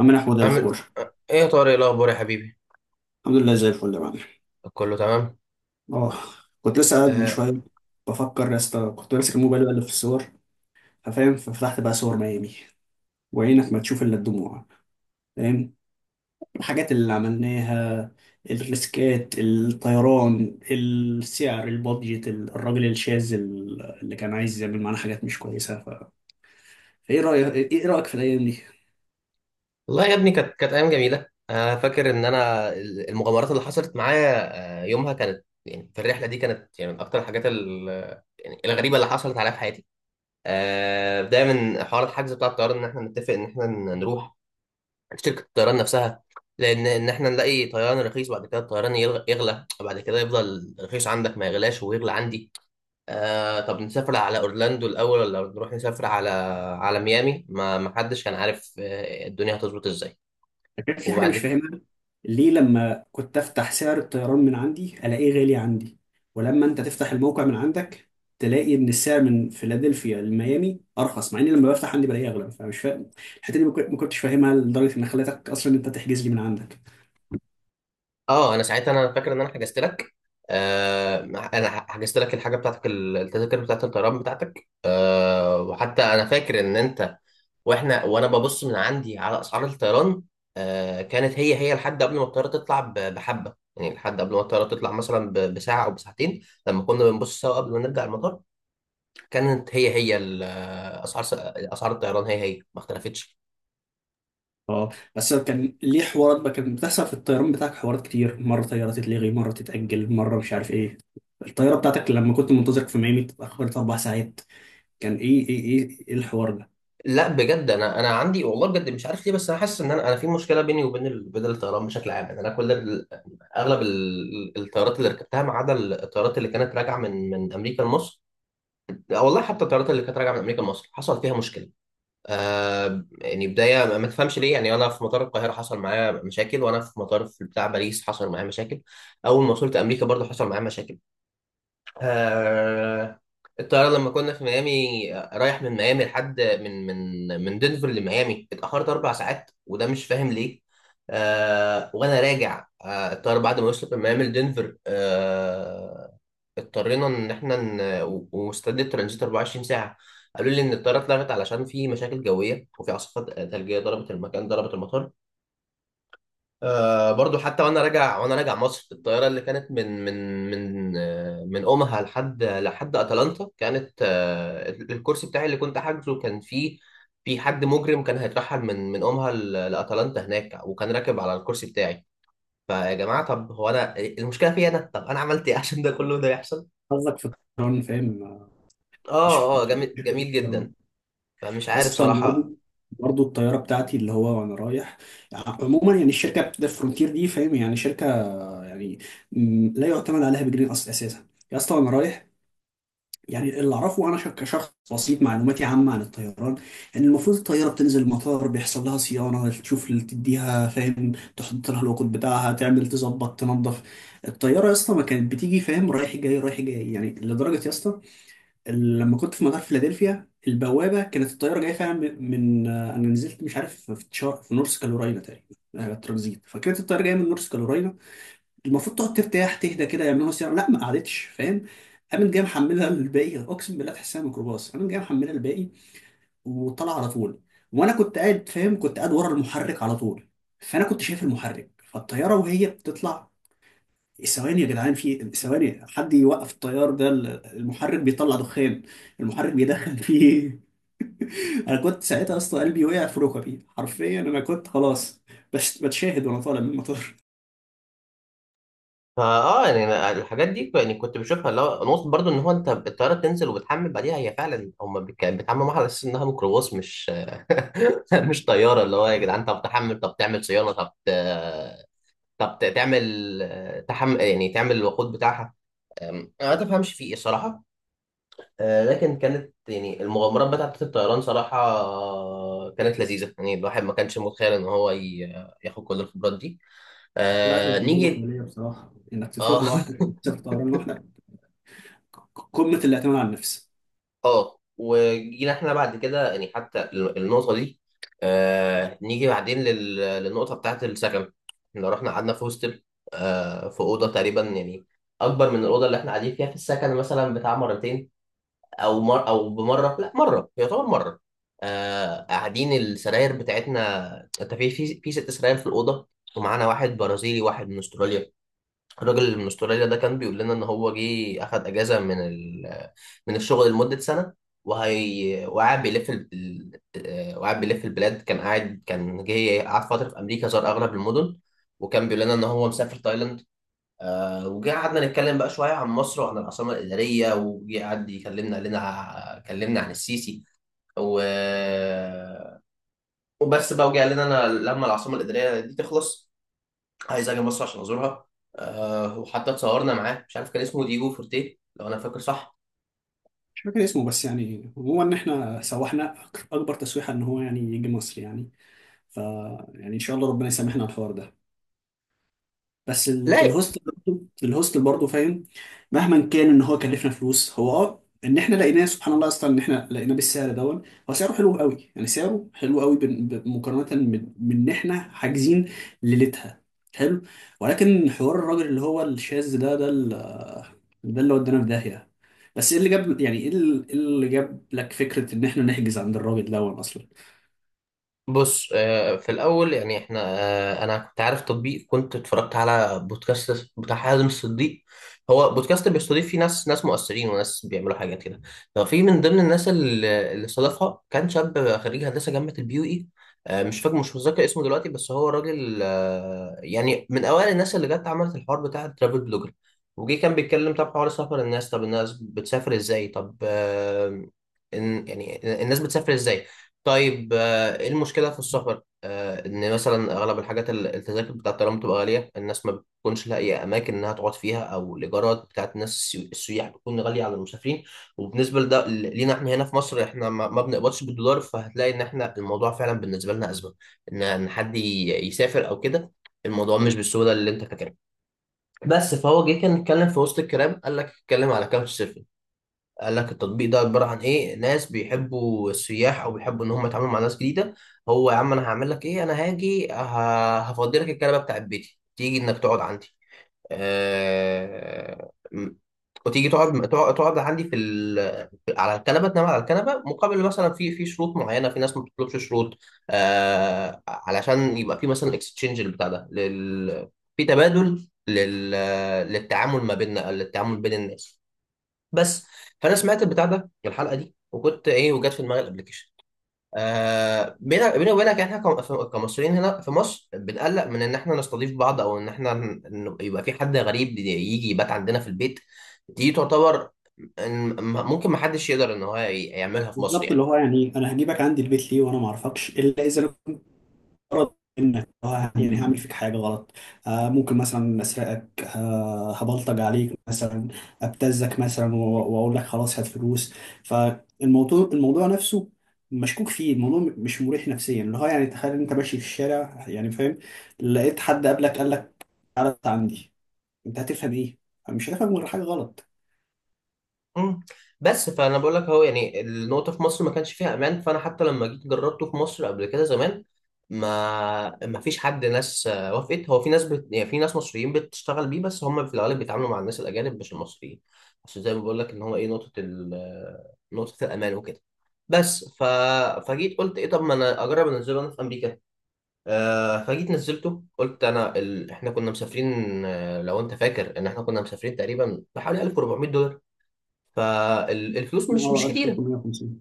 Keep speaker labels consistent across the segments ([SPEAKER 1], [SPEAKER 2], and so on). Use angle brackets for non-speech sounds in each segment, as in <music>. [SPEAKER 1] عم احمد، إيه
[SPEAKER 2] عامل
[SPEAKER 1] الاخبار؟
[SPEAKER 2] ايه يا طارق، إيه الاخبار يا حبيبي؟
[SPEAKER 1] الحمد لله، زي الفل يا معلم.
[SPEAKER 2] كله تمام.
[SPEAKER 1] اه. كنت لسه قاعد من
[SPEAKER 2] آه...
[SPEAKER 1] شويه بفكر يا اسطى، كنت ماسك الموبايل بقلب في الصور. ففاهم، ففتحت بقى صور ميامي، وعينك ما تشوف الا الدموع. فاهم. الحاجات اللي عملناها، الريسكات، الطيران، السعر، البادجت، الراجل الشاذ، اللي كان عايز يعمل معانا حاجات مش كويسه. فايه رايك في الايام دي؟
[SPEAKER 2] والله يا ابني، كانت ايام جميله. انا فاكر ان انا المغامرات اللي حصلت معايا، يومها كانت، يعني في الرحله دي كانت، يعني من اكتر الحاجات يعني الغريبه اللي حصلت عليا في حياتي. بدايه من حوار الحجز بتاع الطيران، ان احنا نتفق ان احنا نروح عند شركه الطيران نفسها، لان ان احنا نلاقي طيران رخيص، بعد كده الطيران يغلى، وبعد كده يفضل رخيص عندك ما يغلاش، ويغلى عندي. طب نسافر على اورلاندو الاول، ولا نروح نسافر على ميامي؟ ما حدش كان عارف الدنيا هتظبط ازاي.
[SPEAKER 1] كان في حاجة
[SPEAKER 2] وبعد
[SPEAKER 1] مش
[SPEAKER 2] ك-
[SPEAKER 1] فاهمها، ليه لما كنت أفتح سعر الطيران من عندي ألاقيه غالي عندي، ولما أنت تفتح الموقع من عندك تلاقي إن السعر من فيلادلفيا لميامي أرخص، مع إني لما بفتح عندي بلاقيه أغلى؟ فمش فاهم الحتة دي، ما كنتش فاهمها، لدرجة إن خلتك أصلا أنت تحجز لي من عندك.
[SPEAKER 2] اه، انا ساعتها انا فاكر ان انا حجزت لك. آه انا حجزت لك الحاجه بتاعتك، التذاكر بتاعت الطيران بتاعتك. وحتى انا فاكر ان انت، وانا ببص من عندي على اسعار الطيران، كانت هي لحد قبل ما الطياره تطلع بحبه، يعني لحد قبل ما الطياره تطلع مثلا بساعه او بساعتين. لما كنا بنبص سوا قبل ما نرجع المطار، كانت هي اسعار اسعار الطيران هي ما اختلفتش.
[SPEAKER 1] أه. بس كان ليه حوارات بقى كانت بتحصل في الطيران بتاعك، حوارات كتير، مرة طيارة تتلغي، مرة تتأجل، مرة مش عارف إيه. الطيارة بتاعتك لما كنت منتظرك في ميامي اتأخرت 4 ساعات. كان إيه الحوار ده؟
[SPEAKER 2] لا بجد، انا عندي والله بجد مش عارف ليه، بس انا حاسس ان انا في مشكله بيني وبين بدل الطيران بشكل عام. يعني انا اغلب الطيارات اللي ركبتها ما عدا الطيارات اللي كانت راجعه من امريكا لمصر. لا والله، حتى الطيارات اللي كانت راجعه من امريكا لمصر حصل فيها مشكله. يعني بدايه ما تفهمش ليه، يعني انا في مطار القاهره حصل معايا مشاكل، وانا في مطار في بتاع باريس حصل معايا مشاكل. اول ما وصلت امريكا برضه حصل معايا مشاكل. آه، الطيارة لما كنا في ميامي، رايح من ميامي لحد من دنفر لميامي اتأخرت 4 ساعات، وده مش فاهم ليه. وأنا راجع، الطيارة بعد ما وصلت من ميامي لدنفر، اضطرينا إن إحنا ومستدى الترانزيت 24 ساعة. قالوا لي إن الطيارة اتلغت علشان في مشاكل جوية، وفي عاصفة ثلجية ضربت المكان، ضربت المطار. برضو حتى وانا راجع مصر، في الطياره اللي كانت من اومها لحد اتلانتا، كانت الكرسي بتاعي اللي كنت حاجزه كان فيه حد مجرم كان هيترحل من اومها لاتلانتا هناك، وكان راكب على الكرسي بتاعي. فيا جماعه، طب هو انا المشكله فيا انا؟ طب انا عملت ايه عشان ده كله ده يحصل؟
[SPEAKER 1] قصدك في الطيران، فاهم؟ مش في-
[SPEAKER 2] اه اه، جميل جميل جدا. فمش عارف
[SPEAKER 1] اصلا برضو،
[SPEAKER 2] صراحه.
[SPEAKER 1] برضو الطياره بتاعتي، اللي هو وانا رايح. عموما يعني الشركه بتاعت فرونتير دي، فاهم، يعني شركه، يعني، لا يعتمد عليها بجنيه اصلا اساسا، يا اسطى. وانا رايح، يعني اللي اعرفه انا، كشخص بسيط معلوماتي عامه عن الطيران، ان المفروض الطياره بتنزل المطار بيحصل لها صيانه، تشوف اللي تديها، فاهم، تحط لها الوقود بتاعها، تعمل تظبط، تنظف. الطياره يا اسطى ما كانت بتيجي، فاهم، رايح جاي رايح جاي، يعني لدرجه يا اسطى، لما كنت في مطار فيلادلفيا، البوابه كانت الطياره جايه فعلا انا نزلت، مش عارف، في نورث كارولاينا تقريبا، ترانزيت، فكانت الطياره جايه من نورث كارولاينا، المفروض تقعد ترتاح تهدى كده، يعملوا لها صيانه. لا، ما قعدتش، فاهم، قامت جايه محملها للباقي، اقسم بالله تحسها ميكروباص، قامت جايه محملها للباقي وطلع على طول. وانا كنت قاعد، فاهم، كنت قاعد ورا المحرك على طول، فانا كنت شايف المحرك، فالطياره وهي بتطلع ثواني، يا جدعان في ثواني حد يوقف الطيار ده، المحرك بيطلع دخان، المحرك بيدخن فيه. <laughs> انا كنت ساعتها اصلا قلبي وقع في ركبي، حرفيا انا كنت خلاص، بس بتشاهد وانا طالع من المطار.
[SPEAKER 2] فاه، يعني أنا الحاجات دي يعني كنت بشوفها، اللي هو نقطة برضو ان هو انت الطيارة بتنزل وبتحمل بعديها، هي فعلا هم بيتعاملوا معاها على اساس انها ميكروباص، مش <laughs> مش طيارة. اللي هو يا جدعان، طب تحمل، طب تعمل صيانة، تعمل تحمل، يعني تعمل الوقود بتاعها. انا ما تفهمش في ايه صراحة. لكن كانت يعني المغامرات بتاعت الطيران صراحة كانت لذيذة، يعني الواحد ما كانش متخيل ان هو ياخد كل الخبرات دي.
[SPEAKER 1] لا، هي تجربة
[SPEAKER 2] نيجي.
[SPEAKER 1] خيالية بصراحة، إنك تطير
[SPEAKER 2] اه <laughs>
[SPEAKER 1] لوحدك، تسافر طيران لوحدك، قمة الاعتماد على النفس.
[SPEAKER 2] اه، وجينا احنا بعد كده يعني حتى النقطه دي. نيجي بعدين للنقطه بتاعت السكن. احنا رحنا قعدنا في هوستل، في اوضه تقريبا يعني اكبر من الاوضه اللي احنا قاعدين فيها في السكن مثلا بتاع مرتين. او بمره، لا، مره يعتبر مره. قاعدين السراير بتاعتنا، انت في 6 سراير في الاوضه. ومعانا واحد برازيلي، واحد من استراليا. الراجل من استراليا ده كان بيقول لنا ان هو جه اخد اجازه من الشغل لمده سنه، وهي وقاعد بيلف ال... آه، وقاعد بيلف البلاد. كان جه قعد فتره في امريكا، زار اغلب المدن، وكان بيقول لنا ان هو مسافر تايلاند. وجه قعدنا نتكلم بقى شويه عن مصر وعن العاصمه الاداريه، وجه قعد يكلمنا، قال لنا كلمنا عن السيسي و... وبس بقى. وجه قال لنا: انا لما العاصمه الاداريه دي تخلص عايز اجي مصر عشان ازورها. وحتى اتصورنا معاه، مش عارف كان اسمه ديجو فورتيه لو انا فاكر صح.
[SPEAKER 1] مش فاكر اسمه، بس يعني هو إن إحنا سوحنا أكبر تسويحة إن هو يعني يجي مصر، يعني. ف يعني إن شاء الله ربنا يسامحنا على الحوار ده. بس
[SPEAKER 2] لا
[SPEAKER 1] الهوستل برضه، الهوستل برضه، فاهم، مهما كان ان هو كلفنا فلوس، هو ان احنا لقيناه سبحان الله، اصلا ان احنا لقيناه بالسعر دون، هو سعره حلو قوي، يعني سعره حلو قوي، مقارنه من ان احنا حاجزين ليلتها. حلو. ولكن حوار الراجل اللي هو الشاذ ده، ده اللي ودانا في داهيه. بس، ايه اللي جاب يعني ايه ال- إيه اللي جاب لك فكره ان احنا نحجز عند الراجل دون اصلا؟
[SPEAKER 2] بص، في الاول، يعني احنا، انا كنت عارف تطبيق، كنت اتفرجت على بودكاست بتاع حازم الصديق. هو بودكاست بيستضيف فيه ناس مؤثرين، وناس بيعملوا حاجات كده. ففي من ضمن الناس اللي استضافها، كان شاب خريج هندسه جامعه البيو اي. مش فاكر، مش متذكر اسمه دلوقتي، بس هو راجل، يعني من اوائل الناس اللي جت عملت الحوار بتاع الترافل بلوجر. وجي كان بيتكلم، طب حوار سفر الناس، طب الناس بتسافر ازاي، إن- يعني الناس بتسافر ازاي. طيب، ايه المشكلة في السفر؟ ان مثلا اغلب الحاجات، التذاكر بتاعت الطيران بتبقى غالية، الناس ما بتكونش لاقية اماكن انها تقعد فيها، او الايجارات بتاعت الناس السياح بتكون غالية على المسافرين، وبالنسبة لده لينا احنا هنا في مصر، احنا ما بنقبضش بالدولار، فهتلاقي ان احنا الموضوع فعلا بالنسبة لنا أزمة، إن حد يسافر او كده، الموضوع مش بالسهولة اللي انت فاكرها. بس فهو جه كان اتكلم في وسط الكلام، قال لك اتكلم على كاوتش سيرفنج. قال لك التطبيق ده عبارة عن إيه: ناس بيحبوا السياح، أو بيحبوا إن هم يتعاملوا مع ناس جديدة. هو يا عم، أنا هعمل لك إيه؟ أنا هاجي هفضي لك الكنبة بتاعت بيتي، تيجي إنك تقعد عندي. آه، م- وتيجي تقعد عندي على الكنبه، تنام على الكنبه، مقابل مثلا في شروط معينه. في ناس ما بتطلبش شروط، علشان يبقى في مثلا اكستشينج البتاع ده في تبادل للتعامل ما بيننا، للتعامل بين الناس بس. فانا سمعت البتاع ده الحلقه دي، وكنت ايه، وجت في دماغي الابلكيشن. بينا وبينك، احنا كمصريين هنا في مصر بنقلق من ان احنا نستضيف بعض، او ان احنا إن يبقى في حد غريب يجي يبات عندنا في البيت، دي تعتبر ممكن ما حدش يقدر ان هو يعملها في مصر
[SPEAKER 1] بالظبط، اللي
[SPEAKER 2] يعني.
[SPEAKER 1] هو يعني، انا هجيبك عندي البيت ليه وانا ما اعرفكش، الا اذا غرض منك، يعني هعمل فيك حاجة غلط. آه، ممكن مثلا أسرقك، هبلطج عليك مثلا، أبتزك مثلا، وأقول لك خلاص هات فلوس. فالموضوع، نفسه مشكوك فيه، الموضوع مش مريح نفسيا. اللي هو يعني، تخيل أنت ماشي في الشارع، يعني فاهم، لقيت حد قبلك قال لك تعالى أنت عندي، أنت هتفهم إيه؟ مش هتفهم غير حاجة غلط.
[SPEAKER 2] مم. بس فانا بقول لك اهو، يعني النقطه في مصر ما كانش فيها امان، فانا حتى لما جيت جربته في مصر قبل كده زمان، ما فيش حد، ناس وافقت. هو في ناس يعني في ناس مصريين بتشتغل بيه، بس هم في الغالب بيتعاملوا مع الناس الاجانب مش المصريين. بس زي ما بقول لك ان هو ايه، نقطه ال... آه، نقطه الامان وكده بس. فجيت قلت ايه، طب ما انا اجرب انزله انا في امريكا. فجيت نزلته قلت انا احنا كنا مسافرين، لو انت فاكر ان احنا كنا مسافرين تقريبا بحوالي 1400، فالفلوس مش
[SPEAKER 1] اه،
[SPEAKER 2] مش كتيره.
[SPEAKER 1] 1350.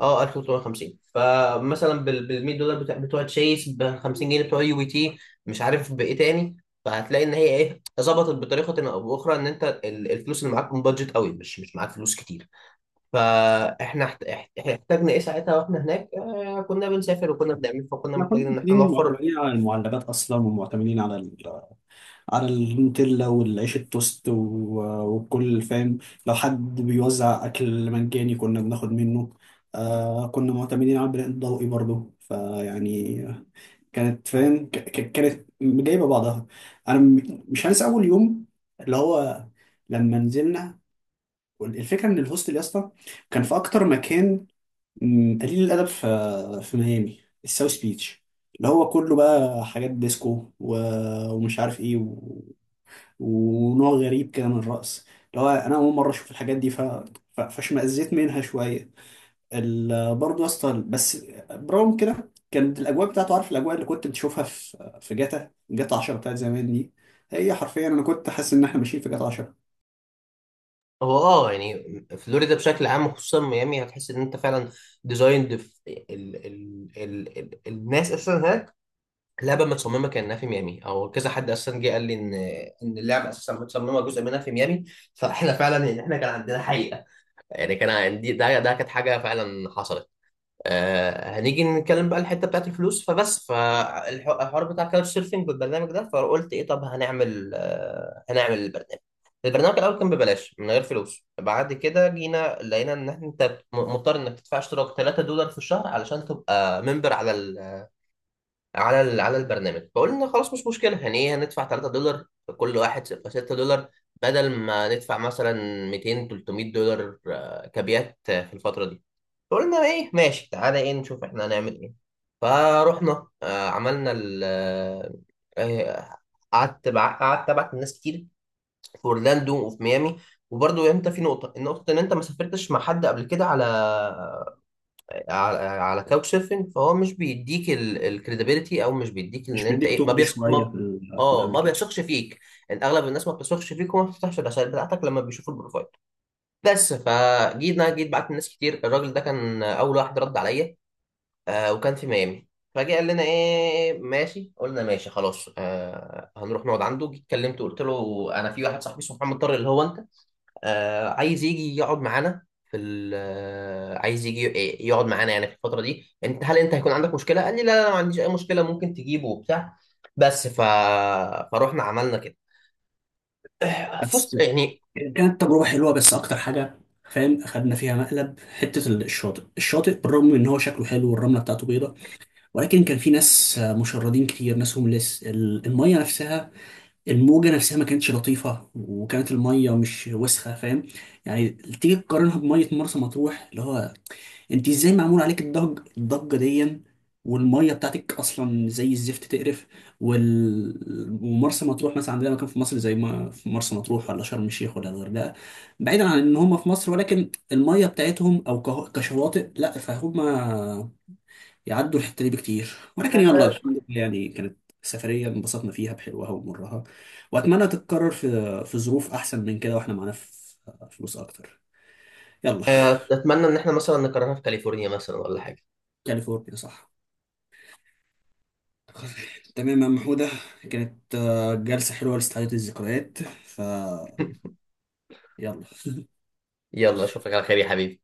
[SPEAKER 2] اه 1350. فمثلا بال $100 بتوع تشيس، ب 50 جنيه بتوع يو بي تي، مش عارف بايه تاني. فهتلاقي ان هي ايه ظبطت بطريقه او باخرى ان انت الفلوس اللي معاك بادجت قوي، مش معاك فلوس كتير. فاحنا احتاجنا ايه ساعتها، واحنا هناك كنا بنسافر وكنا بنعمل، فكنا
[SPEAKER 1] احنا كنا
[SPEAKER 2] محتاجين ان احنا
[SPEAKER 1] واخدين،
[SPEAKER 2] نوفر.
[SPEAKER 1] معتمدين على المعلبات اصلا، ومعتمدين على النوتيلا والعيش التوست، وكل، فاهم، لو حد بيوزع أكل مجاني كنا بناخد منه. كنا معتمدين على البناء الضوئي برضه، فيعني كانت، فاهم، كانت جايبة بعضها. أنا مش هنسى أول يوم، اللي هو لما نزلنا، الفكرة إن الهوستل يا اسطى كان في أكتر مكان، قليل الأدب، في ميامي، الساوث بيتش، اللي هو كله بقى حاجات ديسكو، ومش عارف ايه، ونوع غريب كده من الرقص، اللي هو انا اول مره اشوف الحاجات دي. فاشمئزيت منها شويه. برضه يا اسطى، بس برغم كده كانت الاجواء بتاعته، عارف الاجواء اللي كنت بتشوفها في جاتا 10 بتاعت زمان دي، هي حرفيا انا كنت حاسس ان احنا ماشيين في جاتا 10.
[SPEAKER 2] هو يعني فلوريدا بشكل عام وخصوصا ميامي هتحس ان انت فعلا ديزايند ال ال ال ال الناس اساسا هناك، اللعبه متصممه كانها في ميامي، او كذا حد اساسا جه قال لي ان اللعبه اساسا متصممه جزء منها في ميامي. فاحنا فعلا يعني احنا كان عندنا حقيقه، يعني كان عندي ده كانت حاجه فعلا حصلت. هنيجي نتكلم بقى الحته بتاعت الفلوس، فبس فالحوار بتاع كاوتش سيرفنج والبرنامج ده. فقلت ايه، طب هنعمل البرنامج. البرنامج الاول كان ببلاش من غير فلوس، بعد كده جينا لقينا ان انت مضطر انك تدفع اشتراك $3 في الشهر علشان تبقى ممبر على البرنامج. فقلنا خلاص مش مشكله، يعني ايه هندفع $3، كل واحد يبقى $6، بدل ما ندفع مثلا 200 $300 كابيات في الفتره دي. فقلنا ايه ماشي، تعالى ايه نشوف احنا هنعمل ايه. فروحنا عملنا ال آه، آه، قعدت بع- قعدت ابعت لناس كتير في اورلاندو وفي ميامي. وبرضه انت في نقطه، ان انت ما سافرتش مع حد قبل كده على كاوتش سيرفنج، فهو مش بيديك الكريديبيليتي، او مش بيديك ان
[SPEAKER 1] مش
[SPEAKER 2] انت
[SPEAKER 1] بيديك
[SPEAKER 2] ايه، ما
[SPEAKER 1] تقل
[SPEAKER 2] بيثق
[SPEAKER 1] شويه،
[SPEAKER 2] ما.
[SPEAKER 1] في
[SPEAKER 2] اه، ما
[SPEAKER 1] الابلكيشن.
[SPEAKER 2] بيثقش فيك، ان اغلب الناس ما بتثقش فيك، وما بتفتحش الرسائل بتاعتك لما بيشوفوا البروفايل. بس انا جيت بعت لناس كتير، الراجل ده كان اول واحد رد عليا، وكان في ميامي. فجه قال لنا ايه ماشي، قلنا ماشي خلاص، هنروح نقعد عنده. جيت كلمته قلت له: انا في واحد صاحبي اسمه محمد طارق اللي هو انت، عايز يجي يقعد معانا يعني في الفترة دي، هل انت هيكون عندك مشكلة؟ قال لي: لا لا، أنا ما عنديش اي مشكلة، ممكن تجيبه وبتاع. بس ف... فروحنا عملنا كده، فست
[SPEAKER 1] بس
[SPEAKER 2] يعني.
[SPEAKER 1] كانت تجربه حلوه، بس اكتر حاجه فاهم اخدنا فيها مقلب، حته الشاطئ. الشاطئ بالرغم من ان هو شكله حلو، والرمله بتاعته بيضاء، ولكن كان في ناس مشردين كتير، ناس هومليس. المية نفسها، الموجة نفسها ما كانتش لطيفة، وكانت المية مش وسخة، فاهم، يعني تيجي تقارنها بمية مرسى مطروح، اللي هو، انت ازاي معمول عليك الضجة دي، والمية بتاعتك اصلا زي الزفت، تقرف. ومرسى مطروح مثلا، عندنا مكان في مصر زي ما في مرسى مطروح ولا شرم الشيخ ولا الغردقة، بعيدا عن ان هم في مصر، ولكن المية بتاعتهم، او كشواطئ، لا، فهم يعدوا الحته دي بكتير.
[SPEAKER 2] لا
[SPEAKER 1] ولكن يلا،
[SPEAKER 2] لا،
[SPEAKER 1] الحمد لله، يعني كانت سفريه انبسطنا فيها بحلوها ومرها، واتمنى تتكرر في ظروف احسن من كده، واحنا معانا فلوس اكتر. يلا.
[SPEAKER 2] اتمنى ان احنا مثلا نكررها في كاليفورنيا مثلا ولا حاجة.
[SPEAKER 1] كاليفورنيا، صح. تمام يا عم حودة، كانت جلسة حلوة لاستعادة الذكريات. ف يلا.
[SPEAKER 2] يلا، اشوفك على خير يا حبيبي.